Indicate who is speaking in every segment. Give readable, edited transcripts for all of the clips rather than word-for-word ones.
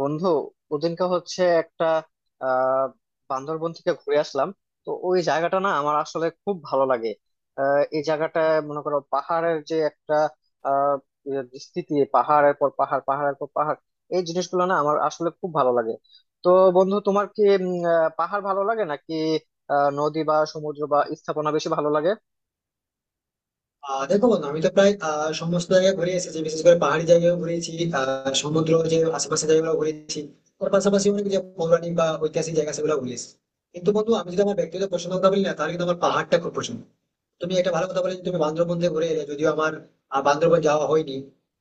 Speaker 1: বন্ধু, ওদিনকে হচ্ছে একটা আহ বান্দরবন থেকে ঘুরে আসলাম। তো ওই জায়গাটা না আমার আসলে খুব ভালো লাগে। এই জায়গাটা, মনে করো পাহাড়ের যে একটা আহ স্থিতি, পাহাড়ের পর পাহাড় পাহাড়ের পর পাহাড়, এই জিনিসগুলো না আমার আসলে খুব ভালো লাগে। তো বন্ধু, তোমার কি পাহাড় ভালো লাগে নাকি নদী বা সমুদ্র বা স্থাপনা বেশি ভালো লাগে?
Speaker 2: দেখো বন্ধু, আমি তো প্রায় সমস্ত জায়গায় ঘুরে এসেছি, বিশেষ করে পাহাড়ি জায়গায় ঘুরেছি। সমুদ্র যে আশেপাশে জায়গাগুলো ঘুরেছি, ওর পাশাপাশি অনেক যে পৌরাণিক বা ঐতিহাসিক জায়গা সেগুলো ঘুরে এসেছি। কিন্তু বন্ধু, আমি যদি আমার ব্যক্তিগত পছন্দ কথা বলি না, তাহলে কিন্তু আমার পাহাড়টা খুব পছন্দ। তুমি একটা ভালো কথা বলে, তুমি বান্দরবন দিয়ে ঘুরে এলে, যদিও আমার বান্দরবন যাওয়া হয়নি।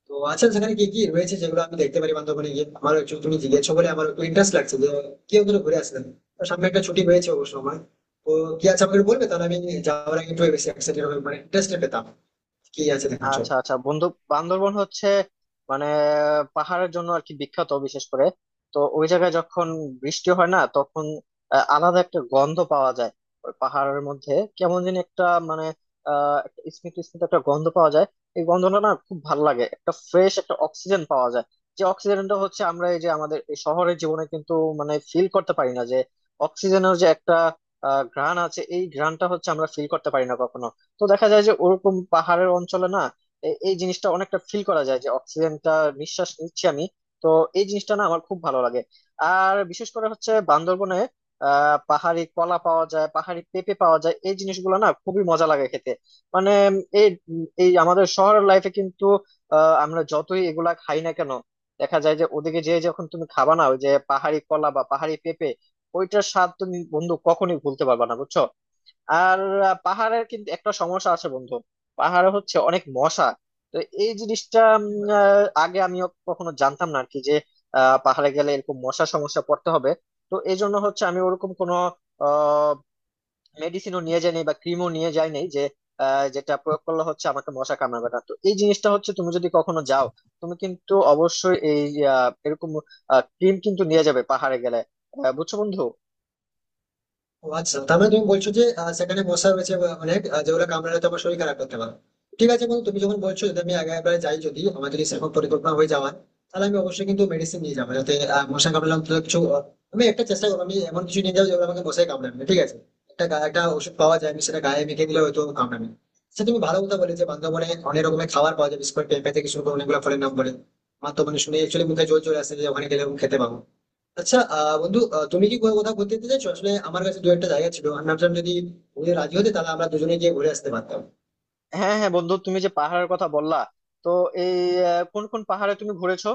Speaker 2: তো আচ্ছা, সেখানে কি কি রয়েছে যেগুলো আমি দেখতে পারি বান্দরবনে গিয়ে? আমার একটু তুমি জিজ্ঞেস বলে আমার একটু ইন্টারেস্ট লাগছে যে কি ওদের ঘুরে আসলেন। তো সামনে একটা ছুটি হয়েছে অবশ্য আমার। তো কি আছে আমাকে একটু বলবে, তাহলে আমি যাওয়ার আগে একটু বেশি এক্সাইটেড হবে, মানে ইন্টারেস্টেড পেতাম কি আছে দেখার জন্য।
Speaker 1: আচ্ছা আচ্ছা বন্ধু, বান্দরবন হচ্ছে মানে পাহাড়ের জন্য আর কি বিখ্যাত, বিশেষ করে। তো ওই জায়গায় যখন বৃষ্টি হয় না, তখন আলাদা একটা গন্ধ পাওয়া যায় ওই পাহাড়ের মধ্যে, কেমন যেন একটা মানে একটা স্মিত স্মিত একটা গন্ধ পাওয়া যায়। এই গন্ধটা না খুব ভালো লাগে, একটা ফ্রেশ একটা অক্সিজেন পাওয়া যায়। যে অক্সিজেনটা হচ্ছে আমরা এই যে আমাদের এই শহরের জীবনে কিন্তু মানে ফিল করতে পারি না, যে অক্সিজেনের যে একটা ঘ্রাণ আছে, এই ঘ্রাণটা হচ্ছে আমরা ফিল করতে পারি না কখনো। তো দেখা যায় যে ওরকম পাহাড়ের অঞ্চলে না এই জিনিসটা অনেকটা ফিল করা যায় যে অক্সিজেনটা নিঃশ্বাস নিচ্ছি আমি। তো এই জিনিসটা না আমার খুব ভালো লাগে। আর বিশেষ করে হচ্ছে বান্দরবনে পাহাড়ি কলা পাওয়া যায়, পাহাড়ি পেঁপে পাওয়া যায়, এই জিনিসগুলো না খুবই মজা লাগে খেতে। মানে এই এই আমাদের শহরের লাইফে কিন্তু আমরা যতই এগুলা খাই না কেন, দেখা যায় যে ওদিকে যেয়ে যখন তুমি খাবা না ওই যে পাহাড়ি কলা বা পাহাড়ি পেঁপে, ওইটার স্বাদ তুমি বন্ধু কখনোই ভুলতে পারবা না, বুঝছো। আর পাহাড়ের কিন্তু একটা সমস্যা আছে বন্ধু, পাহাড়ে হচ্ছে অনেক মশা। তো এই জিনিসটা আগে আমি কখনো জানতাম না আর কি, যে পাহাড়ে গেলে এরকম মশা সমস্যা পড়তে হবে। তো এই জন্য হচ্ছে আমি ওরকম কোনো আহ মেডিসিনও নিয়ে যাইনি বা ক্রিমও নিয়ে যাইনি, যে যেটা প্রয়োগ করলে হচ্ছে আমাকে মশা কামড়াবে না। তো এই জিনিসটা হচ্ছে তুমি যদি কখনো যাও, তুমি কিন্তু অবশ্যই এই এরকম ক্রিম কিন্তু নিয়ে যাবে পাহাড়ে গেলে। বুঝছো বন্ধু?
Speaker 2: ও আচ্ছা, তার মানে তুমি বলছো যে সেখানে মশা রয়েছে বা অনেক যেগুলো কামড়ালে তো আমার শরীর খারাপ করতে পারে। ঠিক আছে বন্ধু, তুমি যখন বলছো, যদি আমি আগে একবার যাই, যদি আমার যদি সেরকম পরিকল্পনা হয়ে যাওয়ার, তাহলে আমি অবশ্যই কিন্তু মেডিসিন নিয়ে যাবো, যাতে মশা কামড়ালে অন্তত কিছু আমি একটা চেষ্টা করবো, আমি এমন কিছু নিয়ে যাবো যেগুলো আমাকে মশাই কামড়াবে না, ঠিক আছে। একটা ওষুধ পাওয়া যায়, আমি সেটা গায়ে মেখে দিলে হয়তো কামড়াবে না। আচ্ছা, তুমি ভালো কথা বলে যে বান্ধবনে অনেক রকমের খাবার পাওয়া যায়, বিশেষ করে পেঁপে থেকে শুরু করে অনেকগুলো ফলের নাম বলে। আমার তো মানে শুনে একচুয়ালি মুখে জল চলে আসে যে ওখানে গেলে এরকম খেতে পাবো। আচ্ছা বন্ধু, তুমি কি কোথাও কোথাও ঘুরতে যেতে চাইছো? আসলে আমার কাছে দু একটা জায়গা ছিল, আমি ভাবছিলাম যদি তুমি রাজি হতে, তাহলে আমরা দুজনে গিয়ে ঘুরে আসতে পারতাম।
Speaker 1: হ্যাঁ হ্যাঁ বন্ধু, তুমি যে পাহাড়ের কথা বললা, তো এই কোন কোন পাহাড়ে তুমি ঘুরেছো?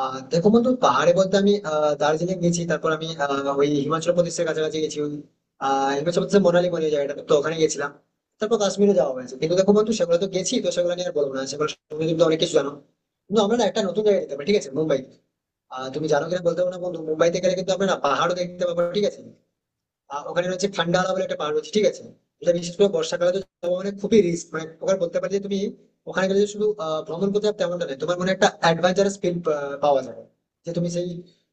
Speaker 2: দেখো বন্ধু, পাহাড়ে বলতে আমি দার্জিলিং গেছি, তারপর আমি ওই হিমাচল প্রদেশের কাছাকাছি গেছি, ওই হিমাচল প্রদেশের মোনালি বলে জায়গাটা, তো ওখানে গেছিলাম। তারপর কাশ্মীরে যাওয়া হয়েছে। কিন্তু দেখো বন্ধু, সেগুলো তো গেছি, তো সেগুলো নিয়ে আর বলবো না, সেগুলো তুমি কিন্তু অনেক কিছু জানো। কিন্তু আমরা না একটা নতুন জায়গায় যেতে পারি, ঠিক আছে, মুম্বাই। তুমি জানো কিনা বলতে পারো না বন্ধু, মুম্বাইতে গেলে কিন্তু আমরা না পাহাড়ও দেখতে পাবো, ঠিক আছে। ওখানে রয়েছে ফান্ডালা বলে একটা পাহাড় রয়েছে, ঠিক আছে। এটা বিশেষ করে বর্ষাকালে তো যাওয়া মানে খুবই রিস্ক, মানে ওখানে বলতে পারি যে তুমি ওখানে গেলে যে শুধু ভ্রমণ করতে হবে তেমনটা নয়, তোমার মনে একটা অ্যাডভেঞ্চারাস ফিল পাওয়া যাবে। যে তুমি সেই,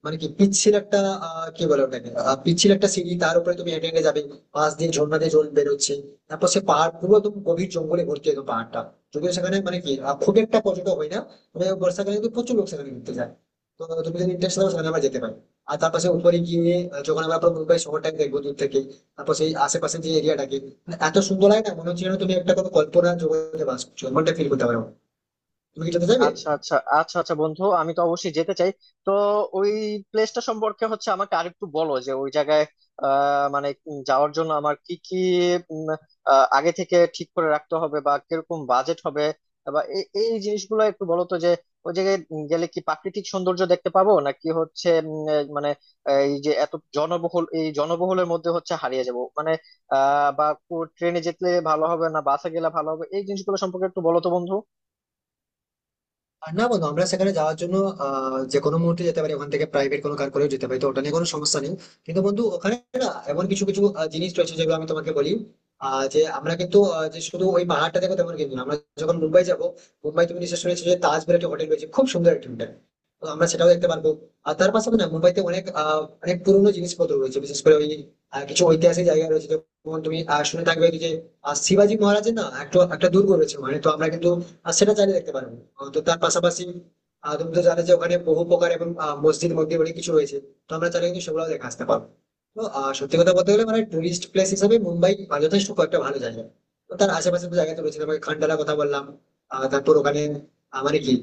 Speaker 2: মানে কি পিচ্ছিল একটা, কি বলে ওটাকে, পিচ্ছিল একটা সিঁড়ি, তার উপরে তুমি হেঁটে হেঁটে যাবে, পাশ দিয়ে ঝর্ণা দিয়ে জল বেরোচ্ছে। তারপর সে পাহাড় পুরো একদম গভীর জঙ্গলে ভর্তি, একদম পাহাড়টা। যদিও সেখানে মানে কি খুব একটা পর্যটক হয় না, তবে বর্ষাকালে কিন্তু প্রচুর লোক সেখানে ঘুরতে যায়। তো তুমি যদি ইন্টারেস্ট থাকো, সেখানে আবার যেতে পারো। আর তার পাশে উপরে গিয়ে যখন আমরা পুরো মুম্বাই শহরটাকে দেখবো দূর থেকে, তারপর সেই আশেপাশে যে এরিয়াটাকে, মানে এত সুন্দর লাগে না, মনে হচ্ছে যেন তুমি একটা কোনো কল্পনা জগতে বাস করছো এমনটা ফিল করতে পারো। তুমি কি যেতে চাইবে?
Speaker 1: আচ্ছা আচ্ছা আচ্ছা আচ্ছা বন্ধু, আমি তো অবশ্যই যেতে চাই। তো ওই প্লেসটা সম্পর্কে হচ্ছে আমাকে আরেকটু বলো, যে ওই জায়গায় মানে যাওয়ার জন্য আমার কি কি উম, আগে থেকে ঠিক করে রাখতে হবে, বা কিরকম বাজেট হবে, বা এই এই জিনিসগুলো একটু বলো তো, যে ওই জায়গায় গেলে কি প্রাকৃতিক সৌন্দর্য দেখতে পাবো, নাকি হচ্ছে এই মানে এই যে এত জনবহুল, এই জনবহুলের মধ্যে হচ্ছে হারিয়ে যাব মানে বা ট্রেনে যেতে ভালো হবে না বাসে গেলে ভালো হবে, এই জিনিসগুলো সম্পর্কে একটু বলো তো বন্ধু।
Speaker 2: আর না বন্ধু, আমরা সেখানে যাওয়ার জন্য যে কোনো মুহূর্তে যেতে পারি, ওখান থেকে প্রাইভেট কোনো কার করেও যেতে পারি, তো ওটা নিয়ে কোনো সমস্যা নেই। কিন্তু বন্ধু ওখানে না এমন কিছু কিছু জিনিস রয়েছে যেগুলো আমি তোমাকে বলি। যে আমরা কিন্তু যে শুধু ওই পাহাড়টা দেখো তেমন কিন্তু না। আমরা যখন মুম্বাই যাব, মুম্বাই তুমি নিশ্চয় শুনেছো যে তাজমহল একটা হোটেল রয়েছে, খুব সুন্দর একটা হোটেল, তো আমরা সেটাও দেখতে পারবো। আর তার পাশাপাশি না মুম্বাইতে অনেক অনেক পুরোনো জিনিসপত্র রয়েছে, বিশেষ করে ওই কিছু ঐতিহাসিক জায়গা রয়েছে, যেমন তুমি শুনে থাকবে যে শিবাজি মহারাজের না একটা একটা দুর্গ রয়েছে, মানে তো আমরা কিন্তু আর সেটা চাইলে দেখতে পারেন। তো তার পাশাপাশি তুমি তো জানো যে ওখানে বহু প্রকার এবং মসজিদ মন্দির অনেক কিছু রয়েছে, তো আমরা চাইলে কিন্তু সেগুলো দেখে আসতে পারবো। তো সত্যি কথা বলতে গেলে মানে টুরিস্ট প্লেস হিসেবে মুম্বাই যথেষ্ট কয়েকটা ভালো জায়গা। তো তার আশেপাশে তো জায়গা তো রয়েছে, তোমাকে খান্ডালার কথা বললাম। তারপর ওখানে মানে কি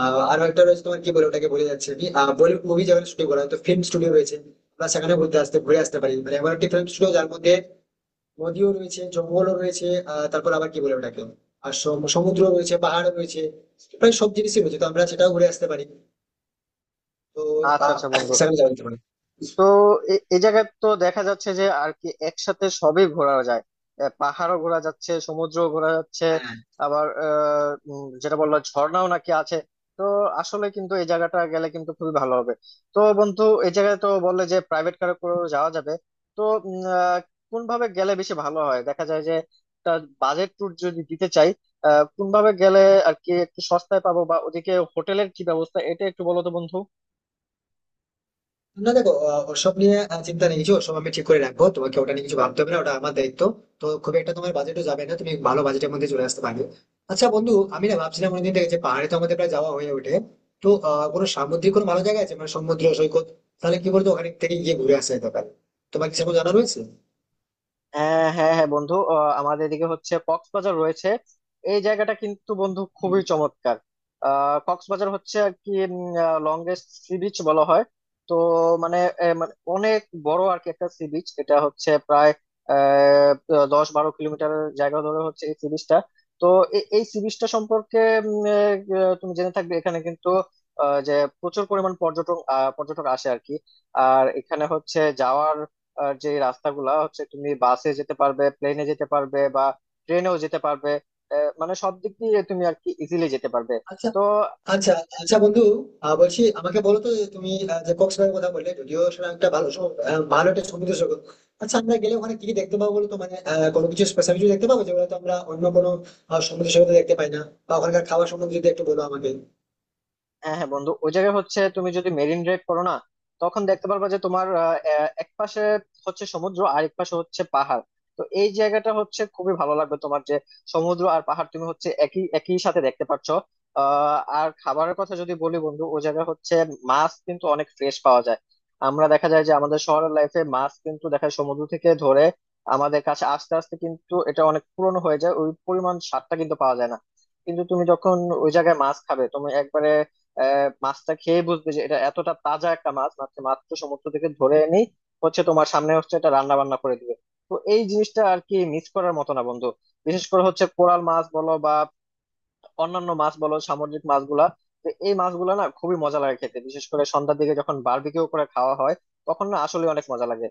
Speaker 2: আরো একটা রয়েছে, তোমার কি বলে ওটাকে বলে যাচ্ছে আমি, বলিউড মুভি যেখানে শুটিং করা হয়, তো ফিল্ম স্টুডিও রয়েছে, আমরা সেখানে ঘুরতে আসতে ঘুরে আসতে পারি। মানে এমন একটি ফিল্ম স্টুডিও যার মধ্যে নদীও রয়েছে, জঙ্গলও রয়েছে, তারপর আবার কি বলে ওটাকে, আর সমুদ্র রয়েছে, পাহাড় রয়েছে, প্রায় সব জিনিসই রয়েছে, তো আমরা সেটাও ঘুরে আসতে পারি। তো
Speaker 1: আচ্ছা
Speaker 2: আহ,
Speaker 1: আচ্ছা বন্ধু।
Speaker 2: সেখানে যাওয়া যেতে পারে।
Speaker 1: তো এ এ জায়গায় তো দেখা যাচ্ছে যে আর কি একসাথে সবই ঘোরা যায়, পাহাড়ও ঘোরা যাচ্ছে সমুদ্র ঘোরা যাচ্ছে,
Speaker 2: হ্যাঁ,
Speaker 1: আবার যেটা বললো ঝর্ণাও নাকি আছে। তো আসলে কিন্তু এই জায়গাটা গেলে কিন্তু খুবই ভালো হবে। তো বন্ধু, এই জায়গায় তো বললে যে প্রাইভেট কারে করেও যাওয়া যাবে, তো উম, আহ, কোনভাবে গেলে বেশি ভালো হয়, দেখা যায় যে একটা বাজেট ট্যুর যদি দিতে চাই কোনভাবে গেলে আর কি একটু সস্তায় পাবো, বা ওদিকে হোটেলের কি ব্যবস্থা, এটা একটু বলো তো বন্ধু।
Speaker 2: না দেখো ওসব নিয়ে চিন্তা নেই কিছু, ওসব আমি ঠিক করে রাখবো, তোমাকে ওটা নিয়ে কিছু ভাবতে হবে না, ওটা আমার দায়িত্ব। তো খুব একটা তোমার বাজেটও যাবে না, তুমি ভালো বাজেটের মধ্যে চলে আসতে পারবে। আচ্ছা বন্ধু, আমি না ভাবছিলাম অনেকদিন থেকে যে পাহাড়ে তো আমাদের প্রায় যাওয়া হয়ে ওঠে। তো কোনো সামুদ্রিক কোনো ভালো জায়গা আছে, মানে সমুদ্র সৈকত, তাহলে কি বলতো ওখানে থেকে গিয়ে ঘুরে আসা যেতে পারে? তোমার কি সেরকম জানা রয়েছে?
Speaker 1: হ্যাঁ হ্যাঁ হ্যাঁ বন্ধু, আমাদের এদিকে হচ্ছে কক্সবাজার রয়েছে। এই জায়গাটা কিন্তু বন্ধু খুবই
Speaker 2: হুম।
Speaker 1: চমৎকার। কক্সবাজার হচ্ছে আর কি লংগেস্ট সি বিচ বলা হয়। তো মানে এ, মানে অনেক বড় আর কি একটা সি বিচ, এটা হচ্ছে প্রায় আহ, 10-12 কিলোমিটারের জায়গা ধরে হচ্ছে এই সি বিচটা। তো এই সি বিচটা সম্পর্কে উম, তুমি জেনে থাকবে, এখানে কিন্তু আহ, যে প্রচুর পরিমাণ পর্যটক আসে আর কি। আর এখানে হচ্ছে যাওয়ার আর যে রাস্তাগুলা হচ্ছে, তুমি বাসে যেতে পারবে, প্লেনে যেতে পারবে, বা ট্রেনেও যেতে পারবে। মানে সব দিক দিয়ে তুমি আর কি ইজিলি যেতে পারবে।
Speaker 2: আচ্ছা
Speaker 1: তো
Speaker 2: আচ্ছা আচ্ছা বন্ধু, বলছি আমাকে বলো তো যে তুমি যে কক্সবাজারের কথা বললে, যদিও সেটা একটা ভালো ভালো একটা সমুদ্র সৈকত। আচ্ছা আমরা গেলে ওখানে কি কি দেখতে পাবো বলো তো? মানে কোনো কিছু স্পেশাল কিছু দেখতে পাবো যেগুলো তো আমরা অন্য কোনো সমুদ্র সৈকতে দেখতে পাই না? বা ওখানকার খাবার সম্বন্ধে যদি একটু বলো আমাকে।
Speaker 1: হ্যাঁ হ্যাঁ বন্ধু, ওই জায়গায় হচ্ছে তুমি যদি মেরিন ড্রাইভ করো না, তখন দেখতে পারবা যে তোমার আহ, আহ, এক পাশে হচ্ছে সমুদ্র আর এক পাশে হচ্ছে পাহাড়। তো এই জায়গাটা হচ্ছে খুবই ভালো লাগবে তোমার, যে সমুদ্র আর পাহাড় তুমি হচ্ছে একই একই সাথে দেখতে পাচ্ছ। আর খাবারের কথা যদি বলি বন্ধু, ওই জায়গায় হচ্ছে মাছ কিন্তু অনেক ফ্রেশ পাওয়া যায়। আমরা দেখা যায় যে আমাদের শহরের লাইফে মাছ কিন্তু দেখা যায় সমুদ্র থেকে ধরে আমাদের কাছে আস্তে আস্তে কিন্তু এটা অনেক পুরনো হয়ে যায়, ওই পরিমাণ স্বাদটা কিন্তু পাওয়া যায় না। কিন্তু তুমি যখন ওই জায়গায় মাছ খাবে, তুমি একবারে মাছটা খেয়ে বুঝবে যে এটা এতটা তাজা একটা মাছ, মাছটা মাত্র সমুদ্র থেকে ধরে এনে হচ্ছে তোমার সামনে হচ্ছে এটা রান্না বান্না করে দিবে। তো এই জিনিসটা আর কি মিস করার মতো না বন্ধু। বিশেষ করে হচ্ছে কোরাল মাছ বলো বা অন্যান্য মাছ বলো, সামুদ্রিক মাছগুলা, তো এই মাছগুলা না খুবই মজা লাগে খেতে, বিশেষ করে সন্ধ্যার দিকে যখন বারবিকিউ করে খাওয়া হয়, তখন না আসলে অনেক মজা লাগে।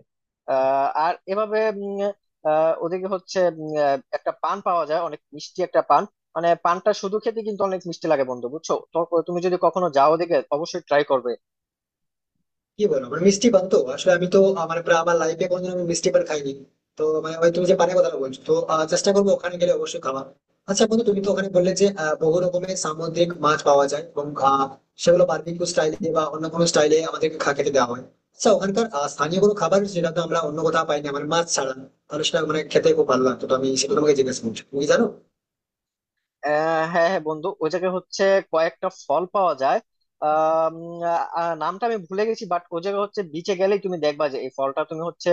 Speaker 1: আর এভাবে ওদিকে হচ্ছে একটা পান পাওয়া যায়, অনেক মিষ্টি একটা পান। মানে পানটা শুধু খেতে কিন্তু অনেক মিষ্টি লাগে বন্ধু, বুঝছো তো। তুমি যদি কখনো যাও ওদিকে, অবশ্যই ট্রাই করবে।
Speaker 2: কি বলো, মানে মিষ্টি পান তো আসলে আমি তো, আমার প্রায় আমার লাইফে কোনোদিন আমি মিষ্টি পান খাইনি। তো মানে ওই তুমি যে পানের কথা বলছো, তো চেষ্টা করবো ওখানে গেলে অবশ্যই খাওয়া। আচ্ছা বন্ধু, তুমি তো ওখানে বললে যে বহু রকমের সামুদ্রিক মাছ পাওয়া যায় এবং সেগুলো বারবিকিউ স্টাইলে বা অন্য কোনো স্টাইলে আমাদেরকে খেতে দেওয়া হয়। আচ্ছা, ওখানকার স্থানীয় কোনো খাবার যেটা তো আমরা অন্য কোথাও পাই না, মানে মাছ ছাড়া, তাহলে সেটা মানে খেতে খুব ভালো লাগতো, তো আমি সেটা তোমাকে জিজ্ঞেস করছি, তুমি কি জানো?
Speaker 1: হ্যাঁ হ্যাঁ বন্ধু, ওই জায়গায় হচ্ছে কয়েকটা ফল পাওয়া যায়। আহ উম, নামটা আমি ভুলে গেছি, বাট ওই জায়গায় হচ্ছে বিচে গেলেই তুমি দেখবা যে এই ফলটা তুমি হচ্ছে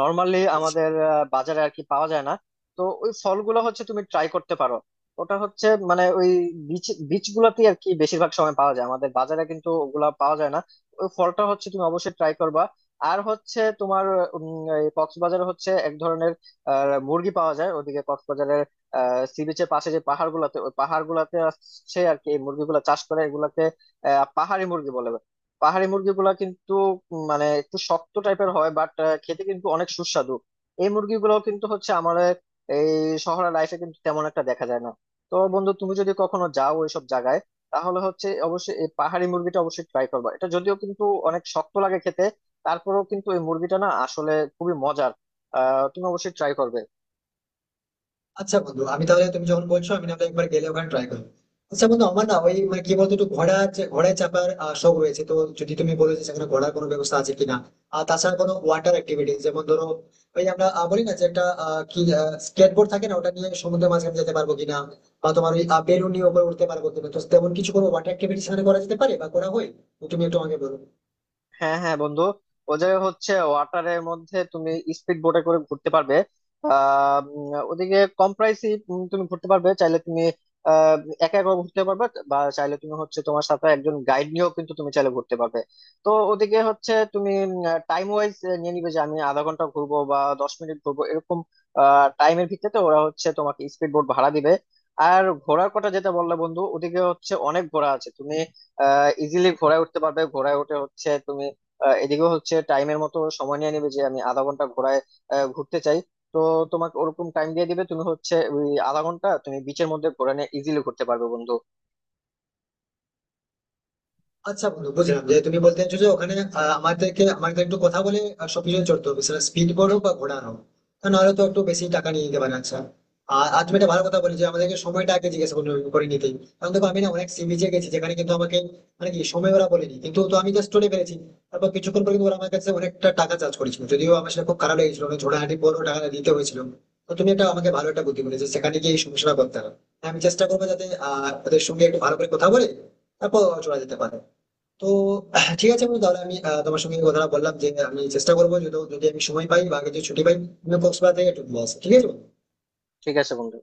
Speaker 1: নর্মালি আমাদের বাজারে আর কি পাওয়া যায় না। তো ওই ফলগুলো হচ্ছে তুমি ট্রাই করতে পারো। ওটা হচ্ছে মানে ওই বিচ বিচ গুলাতেই আর কি বেশিরভাগ সময় পাওয়া যায়, আমাদের বাজারে কিন্তু ওগুলা পাওয়া যায় না। ওই ফলটা হচ্ছে তুমি অবশ্যই ট্রাই করবা। আর হচ্ছে তোমার, উম, এই কক্সবাজারে হচ্ছে এক ধরনের মুরগি পাওয়া যায় ওদিকে কক্সবাজারে। সি বিচের পাশে যে পাহাড় গুলাতে ওই পাহাড় গুলাতে আসছে আর কি এই মুরগিগুলা চাষ করে, এগুলাকে পাহাড়ি মুরগি বলে। পাহাড়ি মুরগিগুলা কিন্তু মানে একটু শক্ত টাইপের হয়, বাট খেতে কিন্তু অনেক সুস্বাদু। এই মুরগিগুলো কিন্তু হচ্ছে আমার এই শহরের লাইফে কিন্তু তেমন একটা দেখা যায় না। তো বন্ধু, তুমি যদি কখনো যাও ওইসব জায়গায়, তাহলে হচ্ছে অবশ্যই এই পাহাড়ি মুরগিটা অবশ্যই ট্রাই করবা। এটা যদিও কিন্তু অনেক শক্ত লাগে খেতে, তারপরেও কিন্তু এই মুরগিটা না আসলে খুবই মজার। তুমি অবশ্যই ট্রাই করবে।
Speaker 2: আচ্ছা বন্ধু, আমি তাহলে, তুমি যখন বলছো, আমি তাহলে একবার গেলে ওখানে ট্রাই করবো। আচ্ছা বন্ধু, আমার না ওই মানে কি বলতো, একটু ঘোড়ায় চাপার শখ রয়েছে, তো যদি তুমি বলো যে সেখানে ঘোড়ার কোনো ব্যবস্থা আছে কিনা। আর তাছাড়া কোনো ওয়াটার অ্যাক্টিভিটি, যেমন ধরো ওই আমরা বলি না যে একটা কি স্কেটবোর্ড থাকে না, ওটা নিয়ে সমুদ্রের মাঝখানে যেতে পারবো কিনা, বা তোমার ওই বেলুন নিয়ে উপরে উঠতে পারবো কিনা, তো তেমন কিছু কোনো ওয়াটার অ্যাক্টিভিটি সেখানে করা যেতে পারে বা করা হয়, তো তুমি একটু আমাকে বলো।
Speaker 1: হ্যাঁ হ্যাঁ বন্ধু, ও জায়গায় হচ্ছে ওয়াটারের মধ্যে তুমি স্পিড বোটে করে ঘুরতে পারবে। ওদিকে কম প্রাইসে তুমি ঘুরতে পারবে, চাইলে তুমি আহ, একা একা ঘুরতে পারবে, বা চাইলে তুমি হচ্ছে তোমার সাথে একজন গাইড নিয়েও কিন্তু তুমি চাইলে ঘুরতে পারবে। তো ওদিকে হচ্ছে তুমি টাইম ওয়াইজ নিয়ে নিবে, যে আমি আধা ঘন্টা ঘুরবো বা 10 মিনিট ঘুরবো, এরকম টাইমের ভিত্তিতে ওরা হচ্ছে তোমাকে স্পিড বোট ভাড়া দিবে। আর ঘোড়ার কথা যেটা বললে বন্ধু, ওদিকে হচ্ছে অনেক ঘোড়া আছে। তুমি ইজিলি ঘোড়ায় উঠতে পারবে, ঘোড়ায় উঠে হচ্ছে তুমি এদিকেও হচ্ছে টাইমের মতো সময় নিয়ে নেবে, যে আমি আধা ঘন্টা ঘোড়ায় ঘুরতে চাই। তো তোমাকে ওরকম টাইম দিয়ে দিবে, তুমি হচ্ছে ওই আধা ঘন্টা তুমি বিচের মধ্যে ঘোড়া নিয়ে ইজিলি ঘুরতে পারবে বন্ধু।
Speaker 2: আচ্ছা বন্ধু বুঝলাম, যে তুমি বলতে চাইছো যে ওখানে আমাদেরকে আমাদের একটু কথা বলে সবকিছু চড়তে হবে, সেটা স্পিড বোর্ড হোক বা ঘোড়া হোক, তা নাহলে তো একটু বেশি টাকা নিয়ে নিতে পারে। আচ্ছা, আর আর তুমি একটা ভালো কথা বলে যে আমাদেরকে সময়টা আগে জিজ্ঞেস করে করে নিতে। কারণ দেখো, আমি না অনেক সি বিচে গেছি যেখানে কিন্তু আমাকে মানে কি সময় ওরা বলেনি কিন্তু, তো আমি জাস্ট চলে পেরেছি। তারপর কিছুক্ষণ পর কিন্তু ওরা আমার কাছে অনেকটা টাকা চার্জ করেছিল, যদিও আমার সেটা খুব খারাপ লেগেছিল, অনেক ঝোড়াহাটি পর টাকা দিতে হয়েছিল। তো তুমি একটা আমাকে ভালো একটা বুদ্ধি বলেছো, সেখানে গিয়ে এই সমস্যাটা করতে হবে। আমি চেষ্টা করবো যাতে ওদের সঙ্গে একটু ভালো করে কথা বলে তারপর চলে যেতে পারে। তো ঠিক আছে বন্ধু, তাহলে আমি তোমার সঙ্গে এই কথাটা বললাম, যে আমি চেষ্টা করবো, যদি যদি আমি সময় পাই বা আগে যদি ছুটি পাই, আমি কক্সবাজার থেকে ট্যুর নিয়ে আসি, ঠিক আছে বন্ধু?
Speaker 1: ঠিক আছে বন্ধু।